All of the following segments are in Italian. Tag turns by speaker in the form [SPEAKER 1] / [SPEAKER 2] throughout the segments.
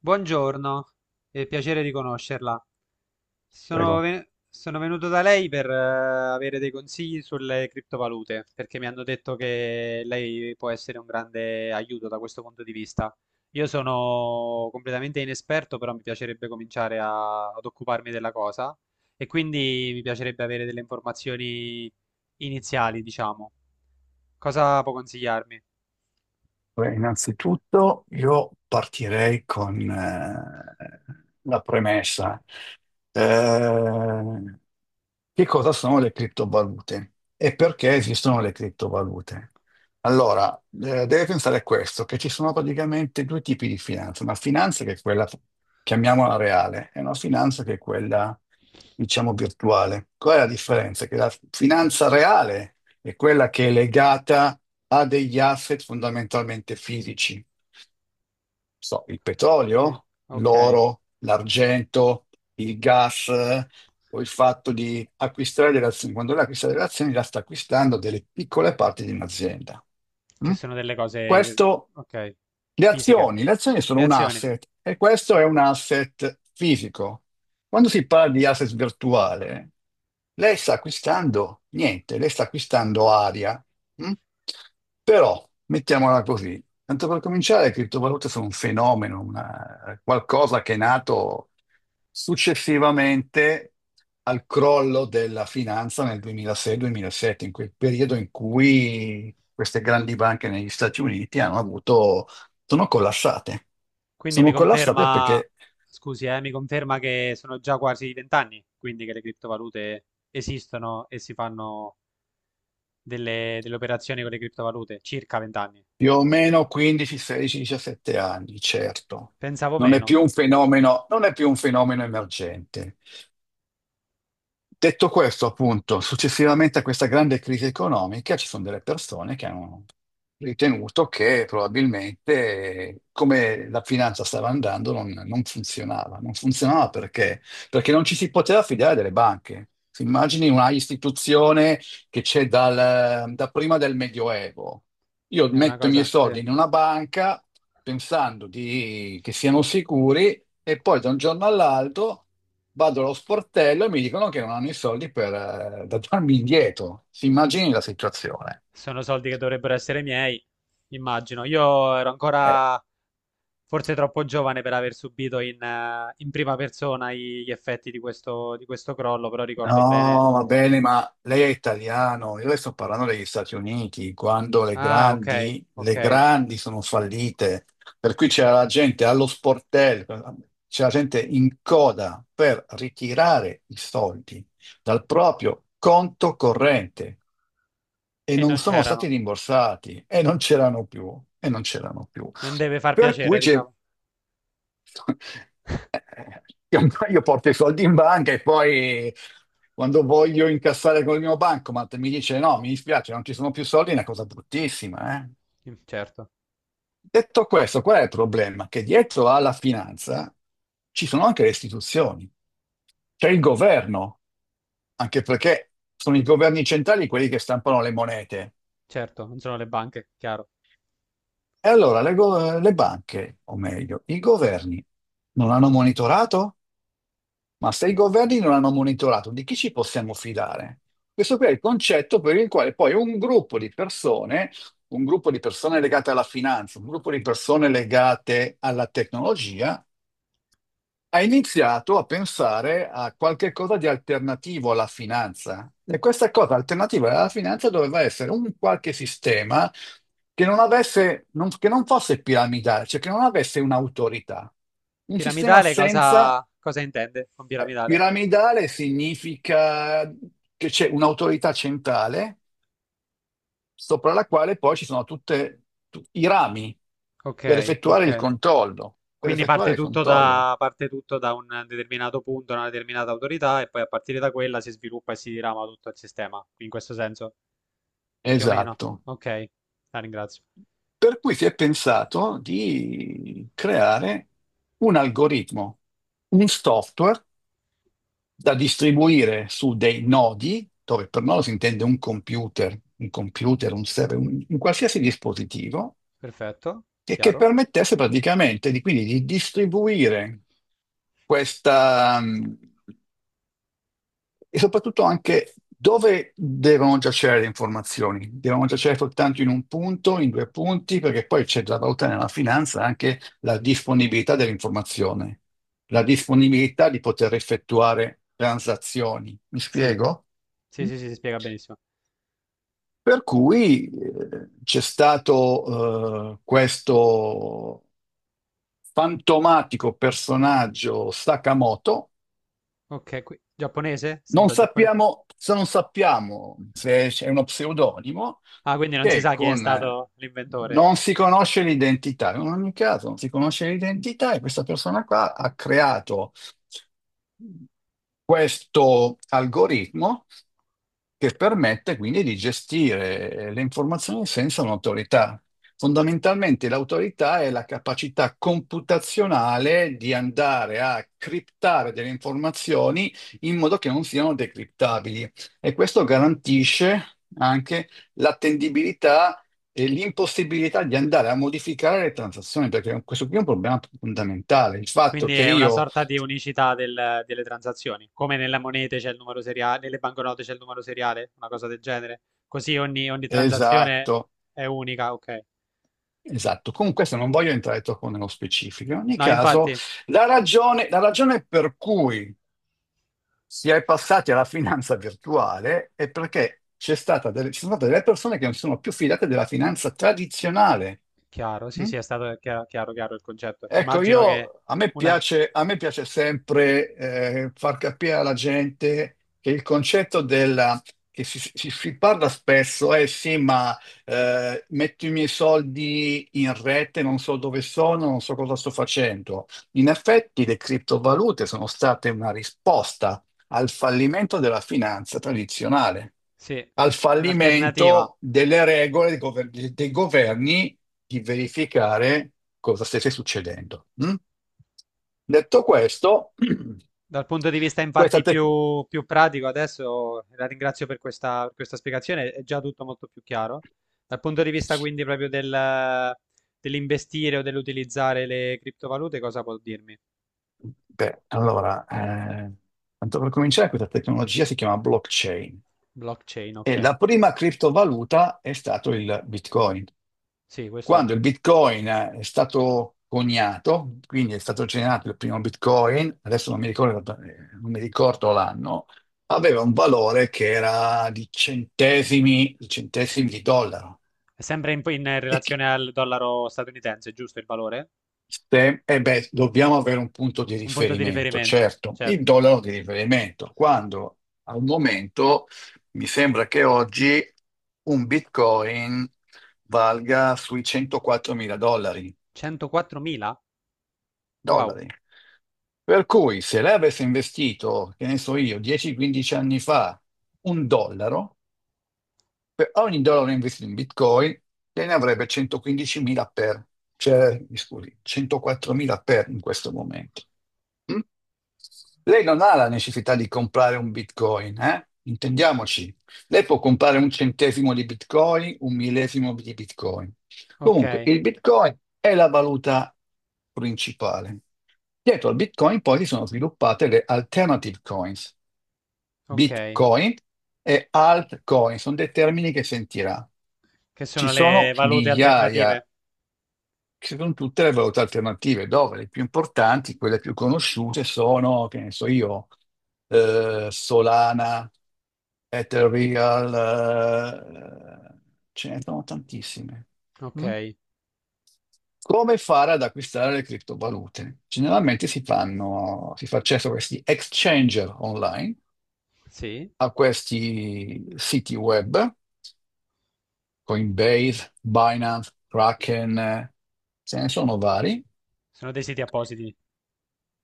[SPEAKER 1] Buongiorno, è piacere di conoscerla.
[SPEAKER 2] Prego.
[SPEAKER 1] Sono venuto da lei per avere dei consigli sulle criptovalute, perché mi hanno detto che lei può essere un grande aiuto da questo punto di vista. Io sono completamente inesperto, però mi piacerebbe cominciare ad occuparmi della cosa e quindi mi piacerebbe avere delle informazioni iniziali, diciamo. Cosa può consigliarmi?
[SPEAKER 2] Beh, innanzitutto io partirei con la premessa. Eh, che cosa sono le criptovalute e perché esistono le criptovalute? Allora, deve pensare a questo, che ci sono praticamente due tipi di finanza, una finanza che è quella, chiamiamola reale, e una finanza che è quella, diciamo, virtuale. Qual è la differenza? Che la finanza reale è quella che è legata a degli asset fondamentalmente fisici so, il
[SPEAKER 1] Eh,
[SPEAKER 2] petrolio,
[SPEAKER 1] ok,
[SPEAKER 2] l'oro, l'argento, il gas, o il fatto di acquistare delle azioni. Quando lei acquista delle azioni, la sta acquistando delle piccole parti di un'azienda.
[SPEAKER 1] che
[SPEAKER 2] Mm?
[SPEAKER 1] sono delle cose,
[SPEAKER 2] Questo,
[SPEAKER 1] ok,
[SPEAKER 2] le
[SPEAKER 1] fisiche.
[SPEAKER 2] azioni, le azioni sono
[SPEAKER 1] Le
[SPEAKER 2] un
[SPEAKER 1] azioni.
[SPEAKER 2] asset e questo è un asset fisico. Quando si parla di asset virtuale, lei sta acquistando niente, lei sta acquistando aria. Mm? Però, mettiamola così, tanto per cominciare, le criptovalute sono un fenomeno, qualcosa che è nato successivamente al crollo della finanza nel 2006-2007, in quel periodo in cui queste grandi banche negli Stati Uniti hanno avuto, sono collassate.
[SPEAKER 1] Quindi mi
[SPEAKER 2] Sono collassate
[SPEAKER 1] conferma,
[SPEAKER 2] perché
[SPEAKER 1] Scusi, mi conferma che sono già quasi vent'anni, quindi che le criptovalute esistono e si fanno delle operazioni con le criptovalute, circa vent'anni.
[SPEAKER 2] più o meno 15, 16, 17 anni, certo.
[SPEAKER 1] Pensavo
[SPEAKER 2] Non è
[SPEAKER 1] meno,
[SPEAKER 2] più un fenomeno, non è più un fenomeno emergente. Detto questo, appunto, successivamente a questa grande crisi economica ci sono delle persone che hanno ritenuto che probabilmente come la finanza stava andando non funzionava. Non funzionava perché? Perché non ci si poteva fidare delle banche. Si immagini una istituzione che c'è da prima del Medioevo. Io
[SPEAKER 1] è una
[SPEAKER 2] metto i miei
[SPEAKER 1] cosa,
[SPEAKER 2] soldi
[SPEAKER 1] sì.
[SPEAKER 2] in una banca pensando che siano sicuri e poi da un giorno all'altro vado allo sportello e mi dicono che non hanno i soldi per da darmi indietro. Si immagini la situazione.
[SPEAKER 1] Sono soldi che dovrebbero essere miei, immagino. Io ero
[SPEAKER 2] Eh,
[SPEAKER 1] ancora forse troppo giovane per aver subito in prima persona gli effetti di questo crollo, però ricordo bene.
[SPEAKER 2] no, va bene, ma lei è italiano. Io le sto parlando degli Stati Uniti, quando le
[SPEAKER 1] Ah, ok,
[SPEAKER 2] grandi,
[SPEAKER 1] ok.
[SPEAKER 2] le grandi sono fallite. Per cui c'era la gente allo sportello, c'era gente in coda per ritirare i soldi dal proprio conto corrente. E
[SPEAKER 1] E
[SPEAKER 2] non
[SPEAKER 1] non
[SPEAKER 2] sono stati
[SPEAKER 1] c'erano.
[SPEAKER 2] rimborsati e non c'erano più, e non c'erano più.
[SPEAKER 1] Non deve far
[SPEAKER 2] Per cui
[SPEAKER 1] piacere,
[SPEAKER 2] c'è-
[SPEAKER 1] diciamo.
[SPEAKER 2] io porto i soldi in banca e poi quando voglio incassare con il mio bancomat mi dice no, mi dispiace, non ci sono più soldi, è una cosa bruttissima, eh.
[SPEAKER 1] Mm, certo,
[SPEAKER 2] Detto questo, qual è il problema? Che dietro alla finanza ci sono anche le istituzioni, c'è il governo, anche perché sono i governi centrali quelli che stampano le monete.
[SPEAKER 1] certo, non sono le banche, chiaro.
[SPEAKER 2] E allora le banche, o meglio, i governi non hanno monitorato? Ma se i governi non hanno monitorato, di chi ci possiamo fidare? Questo qui è il concetto per il quale poi un gruppo di persone, un gruppo di persone legate alla finanza, un gruppo di persone legate alla tecnologia, ha iniziato a pensare a qualche cosa di alternativo alla finanza. E questa cosa alternativa alla finanza doveva essere un qualche sistema che non avesse, che non fosse piramidale, cioè che non avesse un'autorità. Un sistema
[SPEAKER 1] Piramidale cosa,
[SPEAKER 2] senza.
[SPEAKER 1] cosa intende con piramidale?
[SPEAKER 2] Piramidale significa che c'è un'autorità centrale sopra la quale poi ci sono tutti i rami per
[SPEAKER 1] Ok,
[SPEAKER 2] effettuare il
[SPEAKER 1] ok.
[SPEAKER 2] controllo. Per
[SPEAKER 1] Quindi
[SPEAKER 2] effettuare il controllo.
[SPEAKER 1] parte tutto da un determinato punto, una determinata autorità, e poi a partire da quella si sviluppa e si dirama tutto il sistema. In questo senso, più o meno.
[SPEAKER 2] Esatto.
[SPEAKER 1] Ok, la ringrazio.
[SPEAKER 2] Per cui si è pensato di creare un algoritmo, un software da distribuire su dei nodi, dove per nodo si intende un computer, un server, un qualsiasi dispositivo,
[SPEAKER 1] Perfetto,
[SPEAKER 2] e che
[SPEAKER 1] chiaro?
[SPEAKER 2] permettesse praticamente di, quindi, di distribuire questa, e soprattutto anche dove devono giacere le informazioni? Devono giacere soltanto in un punto, in due punti, perché poi c'è da valutare nella finanza anche la disponibilità dell'informazione, la disponibilità di poter effettuare transazioni. Mi
[SPEAKER 1] Sì,
[SPEAKER 2] spiego?
[SPEAKER 1] sì, sì, sì, si spiega benissimo.
[SPEAKER 2] Per cui c'è stato questo fantomatico personaggio Sakamoto.
[SPEAKER 1] Ok, giapponese?
[SPEAKER 2] Non
[SPEAKER 1] Sembra giapponese.
[SPEAKER 2] sappiamo, se non sappiamo se è uno pseudonimo
[SPEAKER 1] Ah, quindi non si
[SPEAKER 2] che
[SPEAKER 1] sa chi è
[SPEAKER 2] con... eh,
[SPEAKER 1] stato l'inventore.
[SPEAKER 2] non si conosce l'identità, in ogni caso non si conosce l'identità e questa persona qua ha creato questo algoritmo che permette quindi di gestire le informazioni senza un'autorità. Fondamentalmente l'autorità è la capacità computazionale di andare a criptare delle informazioni in modo che non siano decriptabili, e questo garantisce anche l'attendibilità e l'impossibilità di andare a modificare le transazioni, perché questo qui è un problema fondamentale, il fatto
[SPEAKER 1] Quindi
[SPEAKER 2] che
[SPEAKER 1] è una
[SPEAKER 2] io.
[SPEAKER 1] sorta di unicità delle transazioni, come nelle monete c'è il numero seriale, nelle banconote c'è il numero seriale, una cosa del genere. Così ogni transazione
[SPEAKER 2] Esatto.
[SPEAKER 1] è unica, ok.
[SPEAKER 2] Esatto, con questo non voglio entrare troppo nello specifico. In ogni
[SPEAKER 1] No,
[SPEAKER 2] caso,
[SPEAKER 1] infatti,
[SPEAKER 2] la ragione per cui si è passati alla finanza virtuale è perché ci sono state delle persone che non si sono più fidate della finanza tradizionale.
[SPEAKER 1] chiaro, sì,
[SPEAKER 2] Mm?
[SPEAKER 1] sì, è stato chiaro, chiaro, chiaro il concetto.
[SPEAKER 2] Ecco,
[SPEAKER 1] Immagino che
[SPEAKER 2] io,
[SPEAKER 1] una,
[SPEAKER 2] a me piace sempre far capire alla gente che il concetto della, che si parla spesso, eh sì, ma metto i miei soldi in rete, non so dove sono, non so cosa sto facendo. In effetti le criptovalute sono state una risposta al fallimento della finanza tradizionale,
[SPEAKER 1] sì,
[SPEAKER 2] al
[SPEAKER 1] un'alternativa.
[SPEAKER 2] fallimento delle regole dei dei governi di verificare cosa stesse succedendo. Mm? Detto questo,
[SPEAKER 1] Dal punto di vista
[SPEAKER 2] questa
[SPEAKER 1] infatti
[SPEAKER 2] tec-
[SPEAKER 1] più pratico, adesso la ringrazio per questa spiegazione, è già tutto molto più chiaro. Dal punto di vista quindi proprio dell'investire o dell'utilizzare le criptovalute, cosa può dirmi?
[SPEAKER 2] beh, allora, tanto per cominciare, questa tecnologia si chiama blockchain
[SPEAKER 1] Blockchain,
[SPEAKER 2] e
[SPEAKER 1] ok.
[SPEAKER 2] la prima criptovaluta è stato il Bitcoin.
[SPEAKER 1] Sì, questo
[SPEAKER 2] Quando il Bitcoin è stato coniato, quindi è stato generato il primo Bitcoin, adesso non mi ricordo l'anno, aveva un valore che era di centesimi, di dollaro.
[SPEAKER 1] è sempre in
[SPEAKER 2] E chi-
[SPEAKER 1] relazione al dollaro statunitense, giusto il valore?
[SPEAKER 2] eh beh, dobbiamo avere un punto di
[SPEAKER 1] Un punto di
[SPEAKER 2] riferimento,
[SPEAKER 1] riferimento,
[SPEAKER 2] certo, il
[SPEAKER 1] certo.
[SPEAKER 2] dollaro di riferimento, quando al momento mi sembra che oggi un Bitcoin valga sui 104 mila dollari.
[SPEAKER 1] 104.000? Wow.
[SPEAKER 2] dollari. Per cui se lei avesse investito, che ne so io, 10-15 anni fa, un dollaro, per ogni dollaro investito in Bitcoin, te ne avrebbe 115.000 per, cioè, mi scusi, 104.000 per in questo momento. Mm? Lei non ha la necessità di comprare un Bitcoin, eh? Intendiamoci. Lei può comprare un centesimo di Bitcoin, un millesimo di Bitcoin.
[SPEAKER 1] Ok,
[SPEAKER 2] Comunque, il Bitcoin è la valuta principale. Dietro al Bitcoin poi si sono sviluppate le alternative coins.
[SPEAKER 1] ok.
[SPEAKER 2] Bitcoin e altcoin sono dei termini che sentirà.
[SPEAKER 1] Che
[SPEAKER 2] Ci
[SPEAKER 1] sono
[SPEAKER 2] sono
[SPEAKER 1] le valute
[SPEAKER 2] migliaia,
[SPEAKER 1] alternative?
[SPEAKER 2] che sono tutte le valute alternative, dove le più importanti, quelle più conosciute sono, che ne so io, Solana, Ethereal, ce ne sono tantissime. Mm?
[SPEAKER 1] Ok,
[SPEAKER 2] Come fare ad acquistare le criptovalute? Generalmente si fanno, si fa accesso a questi exchanger online,
[SPEAKER 1] sì.
[SPEAKER 2] a questi siti web Coinbase, Binance, Kraken, ce ne sono vari.
[SPEAKER 1] Sono dei siti appositi.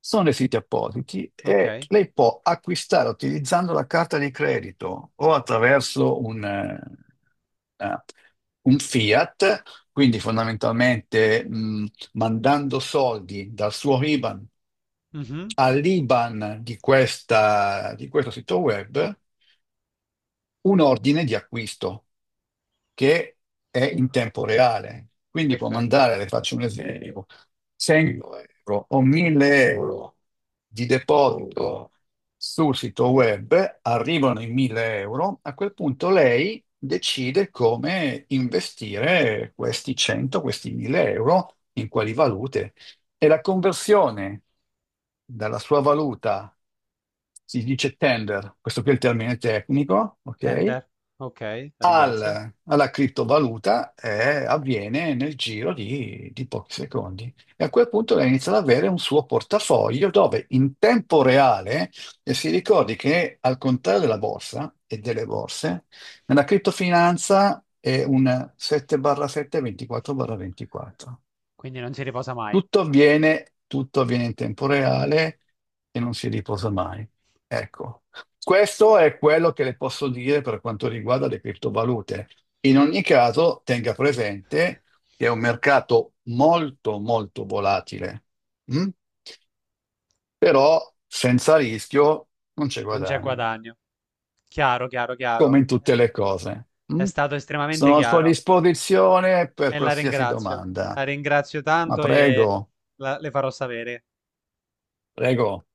[SPEAKER 2] Sono dei siti appositi e
[SPEAKER 1] Okay.
[SPEAKER 2] lei può acquistare utilizzando la carta di credito o attraverso eh, un fiat, quindi fondamentalmente mandando soldi dal suo IBAN
[SPEAKER 1] Mh-mh.
[SPEAKER 2] all'IBAN di di questo sito web, un ordine di acquisto che è in tempo reale. Quindi può
[SPEAKER 1] Perfe
[SPEAKER 2] mandare, le faccio un esempio, 100 euro o 1000 euro di deposito sul sito web, arrivano i 1000 euro, a quel punto lei decide come investire questi 100, questi 1000 euro in quali valute. E la conversione dalla sua valuta si dice tender, questo qui è il termine tecnico, ok?
[SPEAKER 1] tender. Okay, la ringrazio.
[SPEAKER 2] Alla criptovaluta avviene nel giro di pochi secondi. E a quel punto lei inizia ad avere un suo portafoglio dove in tempo reale, e si ricordi che al contrario della borsa e delle borse, nella criptofinanza è un 7/7, 24/24.
[SPEAKER 1] Quindi non si riposa mai.
[SPEAKER 2] Tutto avviene in tempo reale e non si riposa mai. Ecco, questo è quello che le posso dire per quanto riguarda le criptovalute. In ogni caso, tenga presente che è un mercato molto, molto volatile. Mm? Però senza rischio non c'è
[SPEAKER 1] Non c'è
[SPEAKER 2] guadagno,
[SPEAKER 1] guadagno. Chiaro, chiaro,
[SPEAKER 2] come
[SPEAKER 1] chiaro.
[SPEAKER 2] in tutte le cose.
[SPEAKER 1] È
[SPEAKER 2] Mm?
[SPEAKER 1] stato estremamente
[SPEAKER 2] Sono a sua
[SPEAKER 1] chiaro
[SPEAKER 2] disposizione per
[SPEAKER 1] e la
[SPEAKER 2] qualsiasi
[SPEAKER 1] ringrazio. La
[SPEAKER 2] domanda,
[SPEAKER 1] ringrazio
[SPEAKER 2] ma
[SPEAKER 1] tanto e
[SPEAKER 2] prego,
[SPEAKER 1] la le farò sapere.
[SPEAKER 2] prego.